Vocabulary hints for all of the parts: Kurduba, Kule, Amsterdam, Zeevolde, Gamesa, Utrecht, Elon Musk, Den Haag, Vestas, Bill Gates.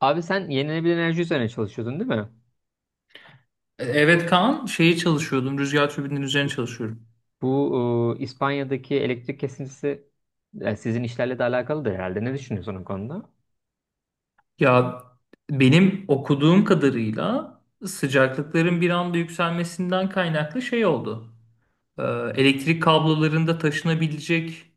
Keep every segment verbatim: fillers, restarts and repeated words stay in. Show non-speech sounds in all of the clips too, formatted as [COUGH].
Abi sen yenilenebilir enerji üzerine çalışıyordun değil mi? E, Evet Kaan, şeyi çalışıyordum. Rüzgar türbininin üzerine çalışıyorum. Bu e, İspanya'daki elektrik kesintisi e, sizin işlerle de alakalıdır herhalde. Ne düşünüyorsun o konuda? Ya benim okuduğum kadarıyla sıcaklıkların bir anda yükselmesinden kaynaklı şey oldu. Ee, Elektrik kablolarında taşınabilecek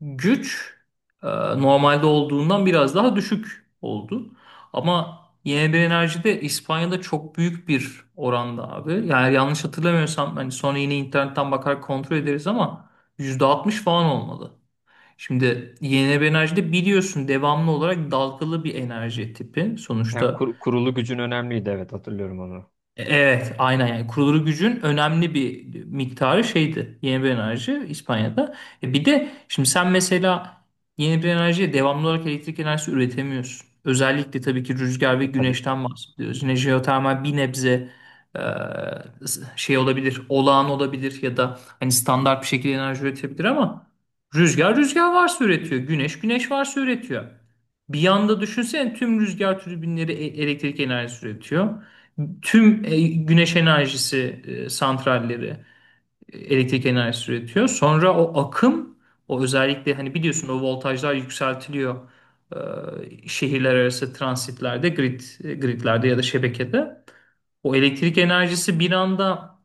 güç e, normalde olduğundan biraz daha düşük oldu. Ama yenilenebilir enerjide İspanya'da çok büyük bir oranda abi. Yani yanlış hatırlamıyorsam hani sonra yine internetten bakar kontrol ederiz ama yüzde altmış falan olmalı. Şimdi yenilenebilir enerji de biliyorsun devamlı olarak dalgalı bir enerji tipi. Yani Sonuçta kur- kurulu gücün önemliydi. Evet, hatırlıyorum onu. e- evet, aynen yani kurulu gücün önemli bir miktarı şeydi yenilenebilir enerji İspanya'da. E bir de şimdi sen mesela yenilenebilir enerjiye devamlı olarak elektrik enerjisi üretemiyorsun. Özellikle tabii ki rüzgar ve E, tabii. güneşten bahsediyoruz. Yine jeotermal bir nebze e, şey olabilir, olağan olabilir ya da hani standart bir şekilde enerji üretebilir ama rüzgar rüzgar varsa üretiyor, güneş güneş varsa üretiyor. Bir yanda düşünsene tüm rüzgar türbinleri e- elektrik enerjisi üretiyor, tüm e, güneş enerjisi e, santralleri e, elektrik enerjisi üretiyor. Sonra o akım, o özellikle hani biliyorsun o voltajlar yükseltiliyor, e, şehirler arası transitlerde, grid e, gridlerde ya da şebekede. O elektrik enerjisi bir anda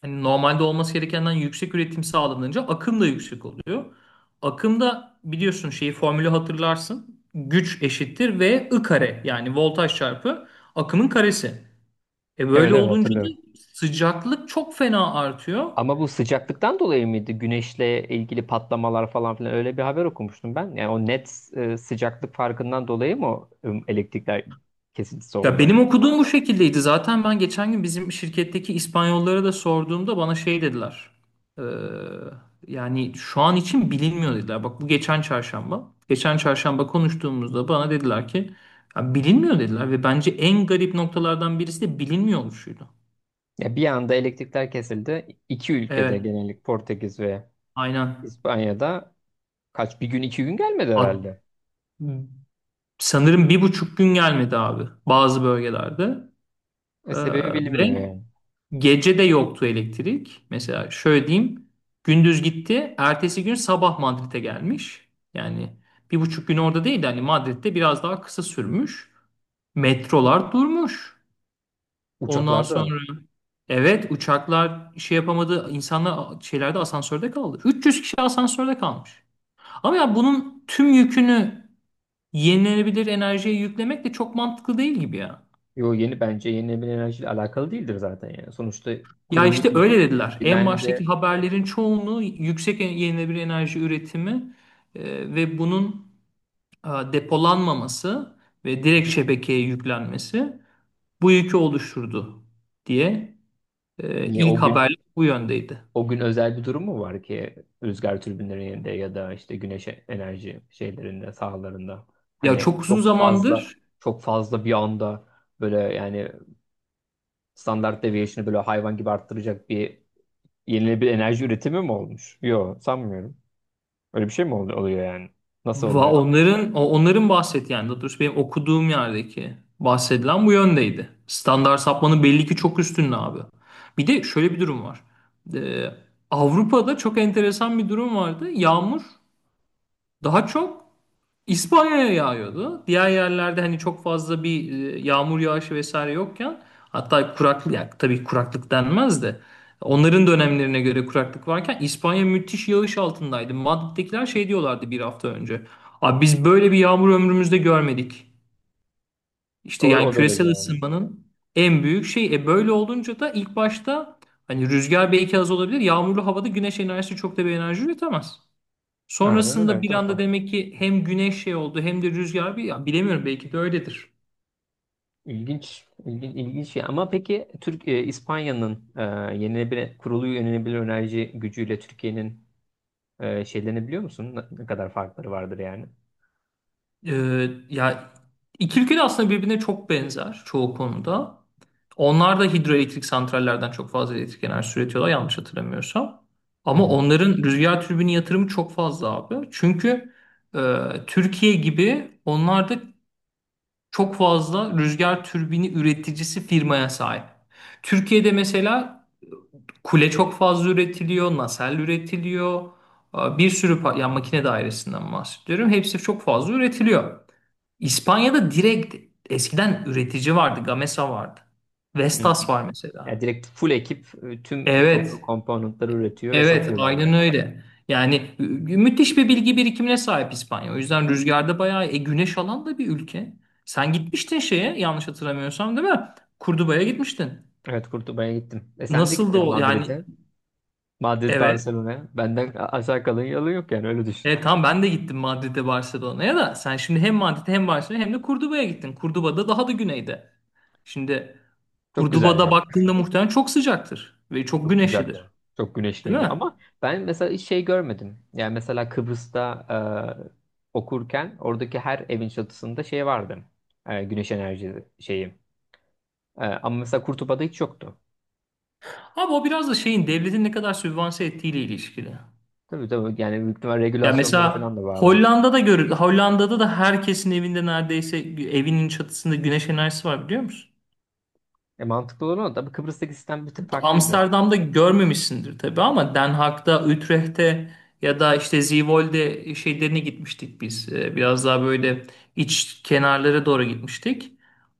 hani normalde olması gerekenden yüksek üretim sağlanınca akım da yüksek oluyor. Akımda biliyorsun şeyi formülü hatırlarsın. Güç eşittir V I kare yani voltaj çarpı akımın karesi. E Evet, böyle evet, olunca da hatırlıyorum. sıcaklık çok fena artıyor. Ama bu sıcaklıktan dolayı mıydı? Güneşle ilgili patlamalar falan filan, öyle bir haber okumuştum ben. Yani o net e, sıcaklık farkından dolayı mı o, e, elektrikler kesintisi Ya oldu benim yani? okuduğum bu şekildeydi. Zaten ben geçen gün bizim şirketteki İspanyollara da sorduğumda bana şey dediler. Ee, Yani şu an için bilinmiyor dediler. Bak bu geçen çarşamba. Geçen çarşamba konuştuğumuzda bana dediler ki "Ya bilinmiyor dediler ve bence en garip noktalardan birisi de bilinmiyor oluşuydu. Ya bir anda elektrikler kesildi. İki ülkede Evet, genellik, Portekiz ve aynen. İspanya'da. Kaç, bir gün iki gün gelmedi Hat- herhalde. Sanırım bir buçuk gün gelmedi abi bazı bölgelerde. E, Ee, sebebi ve bilinmiyor yani. Gece de yoktu elektrik. Mesela şöyle diyeyim. Gündüz gitti. Ertesi gün sabah Madrid'e gelmiş. Yani bir buçuk gün orada değil. Yani Madrid'de biraz daha kısa sürmüş. Metrolar durmuş. Ondan sonra Uçaklarda evet, uçaklar şey yapamadı. İnsanlar şeylerde asansörde kaldı. üç yüz kişi asansörde kalmış. Ama ya bunun tüm yükünü yenilenebilir enerjiye yüklemek de çok mantıklı değil gibi ya. yo, yeni bence yenilenebilir enerjiyle alakalı değildir zaten yani. Sonuçta Ya kurulu işte bir öyle dediler. En baştaki dümende haberlerin çoğunu yüksek en- yenilenebilir enerji üretimi e, ve bunun e, depolanmaması ve direkt şebekeye yüklenmesi bu yükü oluşturdu diye e, niye ilk o gün, haberler bu yöndeydi. o gün özel bir durum mu var ki rüzgar türbinlerinde ya da işte güneş enerji şeylerinde sahalarında Ya hani çok uzun çok fazla zamandır çok fazla bir anda böyle yani standart deviation'ı böyle hayvan gibi arttıracak bir yenilenebilir enerji üretimi mi olmuş? Yok, sanmıyorum. Öyle bir şey mi oluyor, oluyor yani? Nasıl Va- oluyor? onların o- onların bahsettiği yani daha doğrusu benim okuduğum yerdeki bahsedilen bu yöndeydi. Standart sapmanın belli ki çok üstünde abi. Bir de şöyle bir durum var. Ee, Avrupa'da çok enteresan bir durum vardı. Yağmur daha çok İspanya'ya yağıyordu. Diğer yerlerde hani çok fazla bir e, yağmur yağışı vesaire yokken, hatta kuraklık yani tabii kuraklık denmez de onların dönemlerine göre kuraklık varken İspanya müthiş yağış altındaydı. Madrid'dekiler şey diyorlardı bir hafta önce. Abi biz böyle bir yağmur ömrümüzde görmedik. O, İşte yani o derece küresel yani. ısınmanın en büyük şey. E böyle olunca da ilk başta hani rüzgar belki az olabilir. Yağmurlu havada güneş enerjisi çok da bir enerji üretemez. Aynen öyle, Sonrasında bir anda enteresan. demek ki hem güneş şey oldu hem de rüzgar bir ya bilemiyorum belki de öyledir. İlginç, ilginç, ilginç şey. Ama peki Türk e, İspanya'nın e, yenilenebilir kurulu yenilenebilir enerji gücüyle Türkiye'nin e, şeylerini biliyor musun? Ne, ne kadar farkları vardır yani? Ee, ya iki ülke de aslında birbirine çok benzer çoğu konuda. Onlar da hidroelektrik santrallerden çok fazla elektrik enerjisi üretiyorlar yanlış hatırlamıyorsam. Hı Ama hı. onların rüzgar türbini yatırımı çok fazla abi. Çünkü e, Türkiye gibi onlar da çok fazla rüzgar türbini üreticisi firmaya sahip. Türkiye'de mesela kule çok fazla üretiliyor, nasel üretiliyor. Aa, Bir sürü pa- yani makine dairesinden bahsediyorum. Hepsi çok fazla üretiliyor. İspanya'da direkt eskiden üretici vardı. Gamesa vardı. Hı hı. Vestas var mesela. Ya direkt full ekip e, tüm ko- Evet. komponentleri üretiyor ve Evet, satıyorlar aynen yani. öyle. Yani mü- müthiş bir bilgi birikimine sahip İspanya. O yüzden rüzgarda bayağı e, güneş alan da bir ülke. Sen gitmiştin şeye yanlış hatırlamıyorsam değil mi? Kurduba'ya gitmiştin. Evet, Kurtuba'ya gittim. E sen de Nasıl da gittin o yani, Madrid'e. Madrid, evet. Barcelona'ya. Benden a- aşağı kalın yalı yok, yani öyle düşün. Evet tamam, ben de gittim Madrid'e, Barcelona'ya, da sen şimdi hem Madrid'e hem Barcelona'ya hem de Kurduba'ya gittin. Kurduba da daha da güneyde. Şimdi Çok Kurduba'da güzeldi. baktığında muhtemelen çok sıcaktır ve çok Çok güneşlidir. sıcaktı. Çok Değil güneşliydi mi? ama ben mesela hiç şey görmedim. Yani mesela Kıbrıs'ta e, okurken oradaki her evin çatısında şey vardı. E, güneş enerji şeyi. E, ama mesela Kurtula'da hiç yoktu. Abi o biraz da şeyin devletin ne kadar sübvanse ettiğiyle ilişkili. Tabii, tabii, yani büyük ihtimal Ya regülasyonlara falan mesela da bağlı. Hollanda'da görüldü. Hollanda'da da herkesin evinde neredeyse evinin çatısında güneş enerjisi var biliyor musun? E, mantıklı olan o. Tabii Kıbrıs'taki sistem bir tık farklıydı. Amsterdam'da görmemişsindir tabii ama Den Haag'da, Utrecht'te ya da işte Zeevolde şeylerine gitmiştik biz. Ee, Biraz daha böyle iç kenarlara doğru gitmiştik.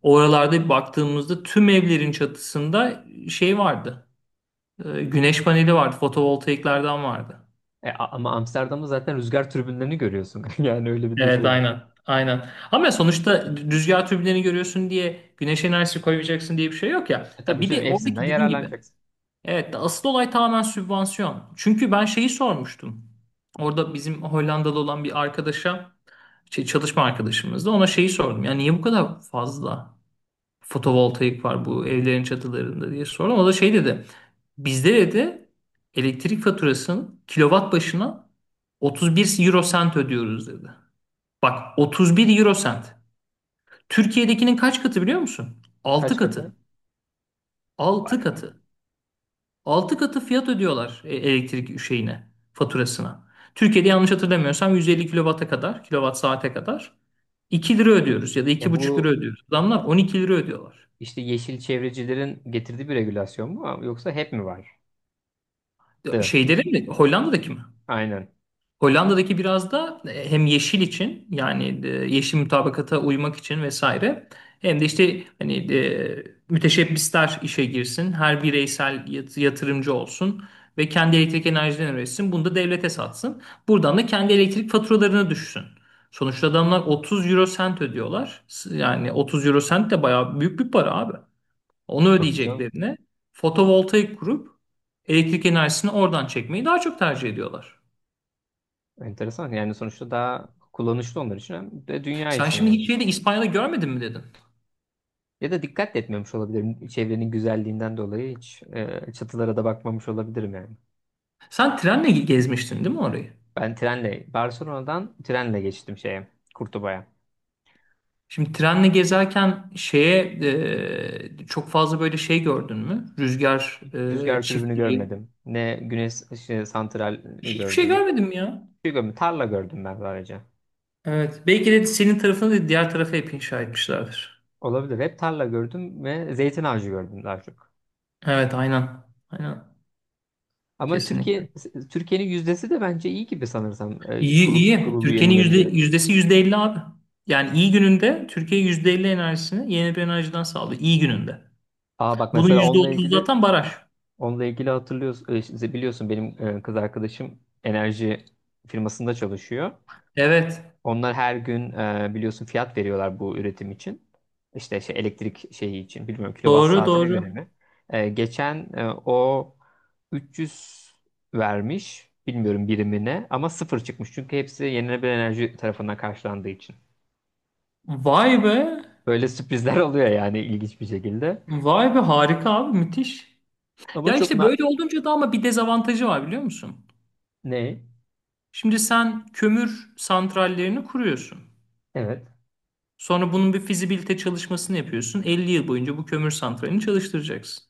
Oralarda baktığımızda tüm evlerin çatısında şey vardı. Ee, Güneş paneli vardı, fotovoltaiklerden vardı. E, a- ama Amsterdam'da zaten rüzgar türbinlerini görüyorsun. [LAUGHS] Yani öyle bir de Evet, şey var. aynen. Aynen. Ama sonuçta rüzgar türbinlerini görüyorsun diye güneş enerjisi koyacaksın diye bir şey yok ya. E, Ya tabii bir canım, de hepsinden oradaki dediğim gibi yararlanacaksın. evet, asıl olay tamamen sübvansiyon. Çünkü ben şeyi sormuştum. Orada bizim Hollandalı olan bir arkadaşa, şey, çalışma arkadaşımızda ona şeyi sordum. Yani niye bu kadar fazla fotovoltaik var bu evlerin çatılarında diye sordum. O da şey dedi. Bizde dedi elektrik faturasının kilowatt başına otuz bir euro sent ödüyoruz dedi. Bak otuz bir euro sent. Türkiye'dekinin kaç katı biliyor musun? Altı Kaç katı. katı? Altı Vay be. katı. Altı katı fiyat ödüyorlar e, elektrik şeyine, faturasına. Türkiye'de yanlış hatırlamıyorsam yüz elli kilowata kadar, kilowatt saate kadar iki lira ödüyoruz ya da E, iki bu buçuk lira ödüyoruz. Adamlar on iki lira ödüyorlar. İşte yeşil çevrecilerin getirdiği bir regülasyon mu, ama yoksa hep mi vardı? Şeyleri mi? Hollanda'daki mi? Aynen. Hollanda'daki biraz da e, hem yeşil için yani e, yeşil mutabakata uymak için vesaire, hem de işte hani e, müteşebbisler işe girsin, her bireysel yat- yatırımcı olsun ve kendi elektrik enerjiden üretsin, bunu da devlete satsın. Buradan da kendi elektrik faturalarını düşsün. Sonuçta adamlar otuz euro sent ödüyorlar. S- Yani otuz euro sent de bayağı büyük bir para abi. Onu Tabii canım. ödeyeceklerine fotovoltaik kurup elektrik enerjisini oradan çekmeyi daha çok tercih ediyorlar. Enteresan. Yani sonuçta daha kullanışlı onlar için, hem de dünya Sen için şimdi hiç yani. şeyde İspanya'da görmedin mi dedin? Ya da dikkat de etmemiş olabilirim. Çevrenin güzelliğinden dolayı hiç e, çatılara da bakmamış olabilirim yani. Sen trenle gezmiştin değil mi orayı? Ben trenle, Barcelona'dan trenle geçtim şeye, Kurtuba'ya. Şimdi trenle gezerken şeye e, çok fazla böyle şey gördün mü? Rüzgar Hiç e, rüzgar türbünü çiftliği. görmedim. Ne güneş ışığı santral Hiçbir şey gördüm. Hiçbir görmedim ya. şey görmedim. Tarla gördüm ben sadece. Evet. Belki de senin tarafını da diğer tarafa hep inşa etmişlerdir. Olabilir. Hep tarla gördüm ve zeytin ağacı gördüm daha çok. Evet aynen. Aynen. Ama Kesinlikle. Türkiye Türkiye'nin yüzdesi de bence iyi gibi, sanırsam e, İyi kuru- iyi. kurulu Türkiye'nin yüzde, yenilebilir. yüzdesi yüzde elli abi. Yani iyi gününde Türkiye yüzde elli enerjisini yeni bir enerjiden sağlıyor. İyi gününde. Aa, bak Bunun mesela yüzde onunla otuz ilgili zaten baraj. onunla ilgili hatırlıyorsun, e, şimdi biliyorsun benim e, kız arkadaşım enerji firmasında çalışıyor. Evet. Onlar her gün e, biliyorsun fiyat veriyorlar bu üretim için. İşte şey, elektrik şeyi için, bilmiyorum, kilowatt Doğru saatine göre doğru. mi? E, geçen e, o üç yüz vermiş, bilmiyorum birimine, ama sıfır çıkmış çünkü hepsi yenilenebilir enerji tarafından karşılandığı için. Vay be. Böyle sürprizler oluyor yani, ilginç bir şekilde. Vay be harika abi müthiş. Ama Ya çok işte na, böyle olunca da ama bir dezavantajı var biliyor musun? ne? Şimdi sen kömür santrallerini kuruyorsun. Evet. Sonra bunun bir fizibilite çalışmasını yapıyorsun. Elli yıl boyunca bu kömür santralini çalıştıracaksın.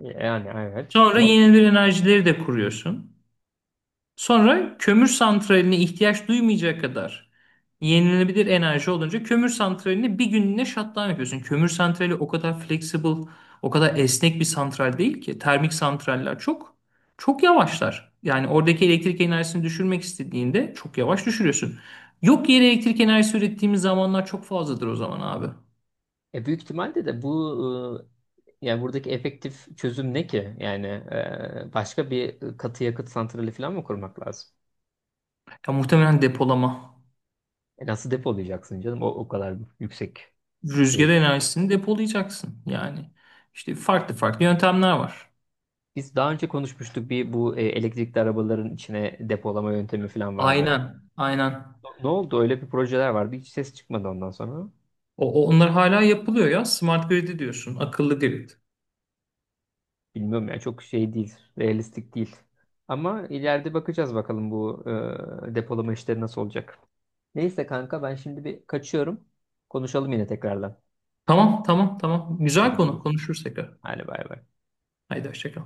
Yani evet. Sonra Ama yenilenebilir enerjileri de kuruyorsun. Sonra kömür santraline ihtiyaç duymayacak kadar yenilenebilir enerji olunca kömür santralini bir günlüğüne shutdown yapıyorsun. Kömür santrali o kadar flexible, o kadar esnek bir santral değil ki. Termik santraller çok çok yavaşlar. Yani oradaki elektrik enerjisini düşürmek istediğinde çok yavaş düşürüyorsun. Yok yere elektrik enerjisi ürettiğimiz zamanlar çok fazladır o zaman abi. e, büyük ihtimalle de bu, e, yani buradaki efektif çözüm ne ki? Yani e, başka bir katı yakıt santrali falan mı kurmak lazım? Ya muhtemelen depolama. E, nasıl depolayacaksın canım, o, o kadar yüksek Rüzgar şeyde. enerjisini depolayacaksın yani. İşte farklı farklı yöntemler var. Biz daha önce konuşmuştuk bir, bu e, elektrikli arabaların içine depolama yöntemi falan vardı. Aynen, aynen. Ne oldu? Öyle bir projeler vardı. Hiç ses çıkmadı ondan sonra. O, o- onlar hala yapılıyor ya. Smart grid diyorsun. Akıllı grid. Bilmiyorum ya, çok şey değil, realistik değil. Ama ileride bakacağız bakalım bu e, depolama işleri nasıl olacak. Neyse kanka, ben şimdi bir kaçıyorum. Konuşalım yine tekrardan. Tamam, tamam, tamam. Güzel Hadi konu. görüşürüz. Konuşuruz tekrar. Hadi bay bay. Haydi hoşça kal.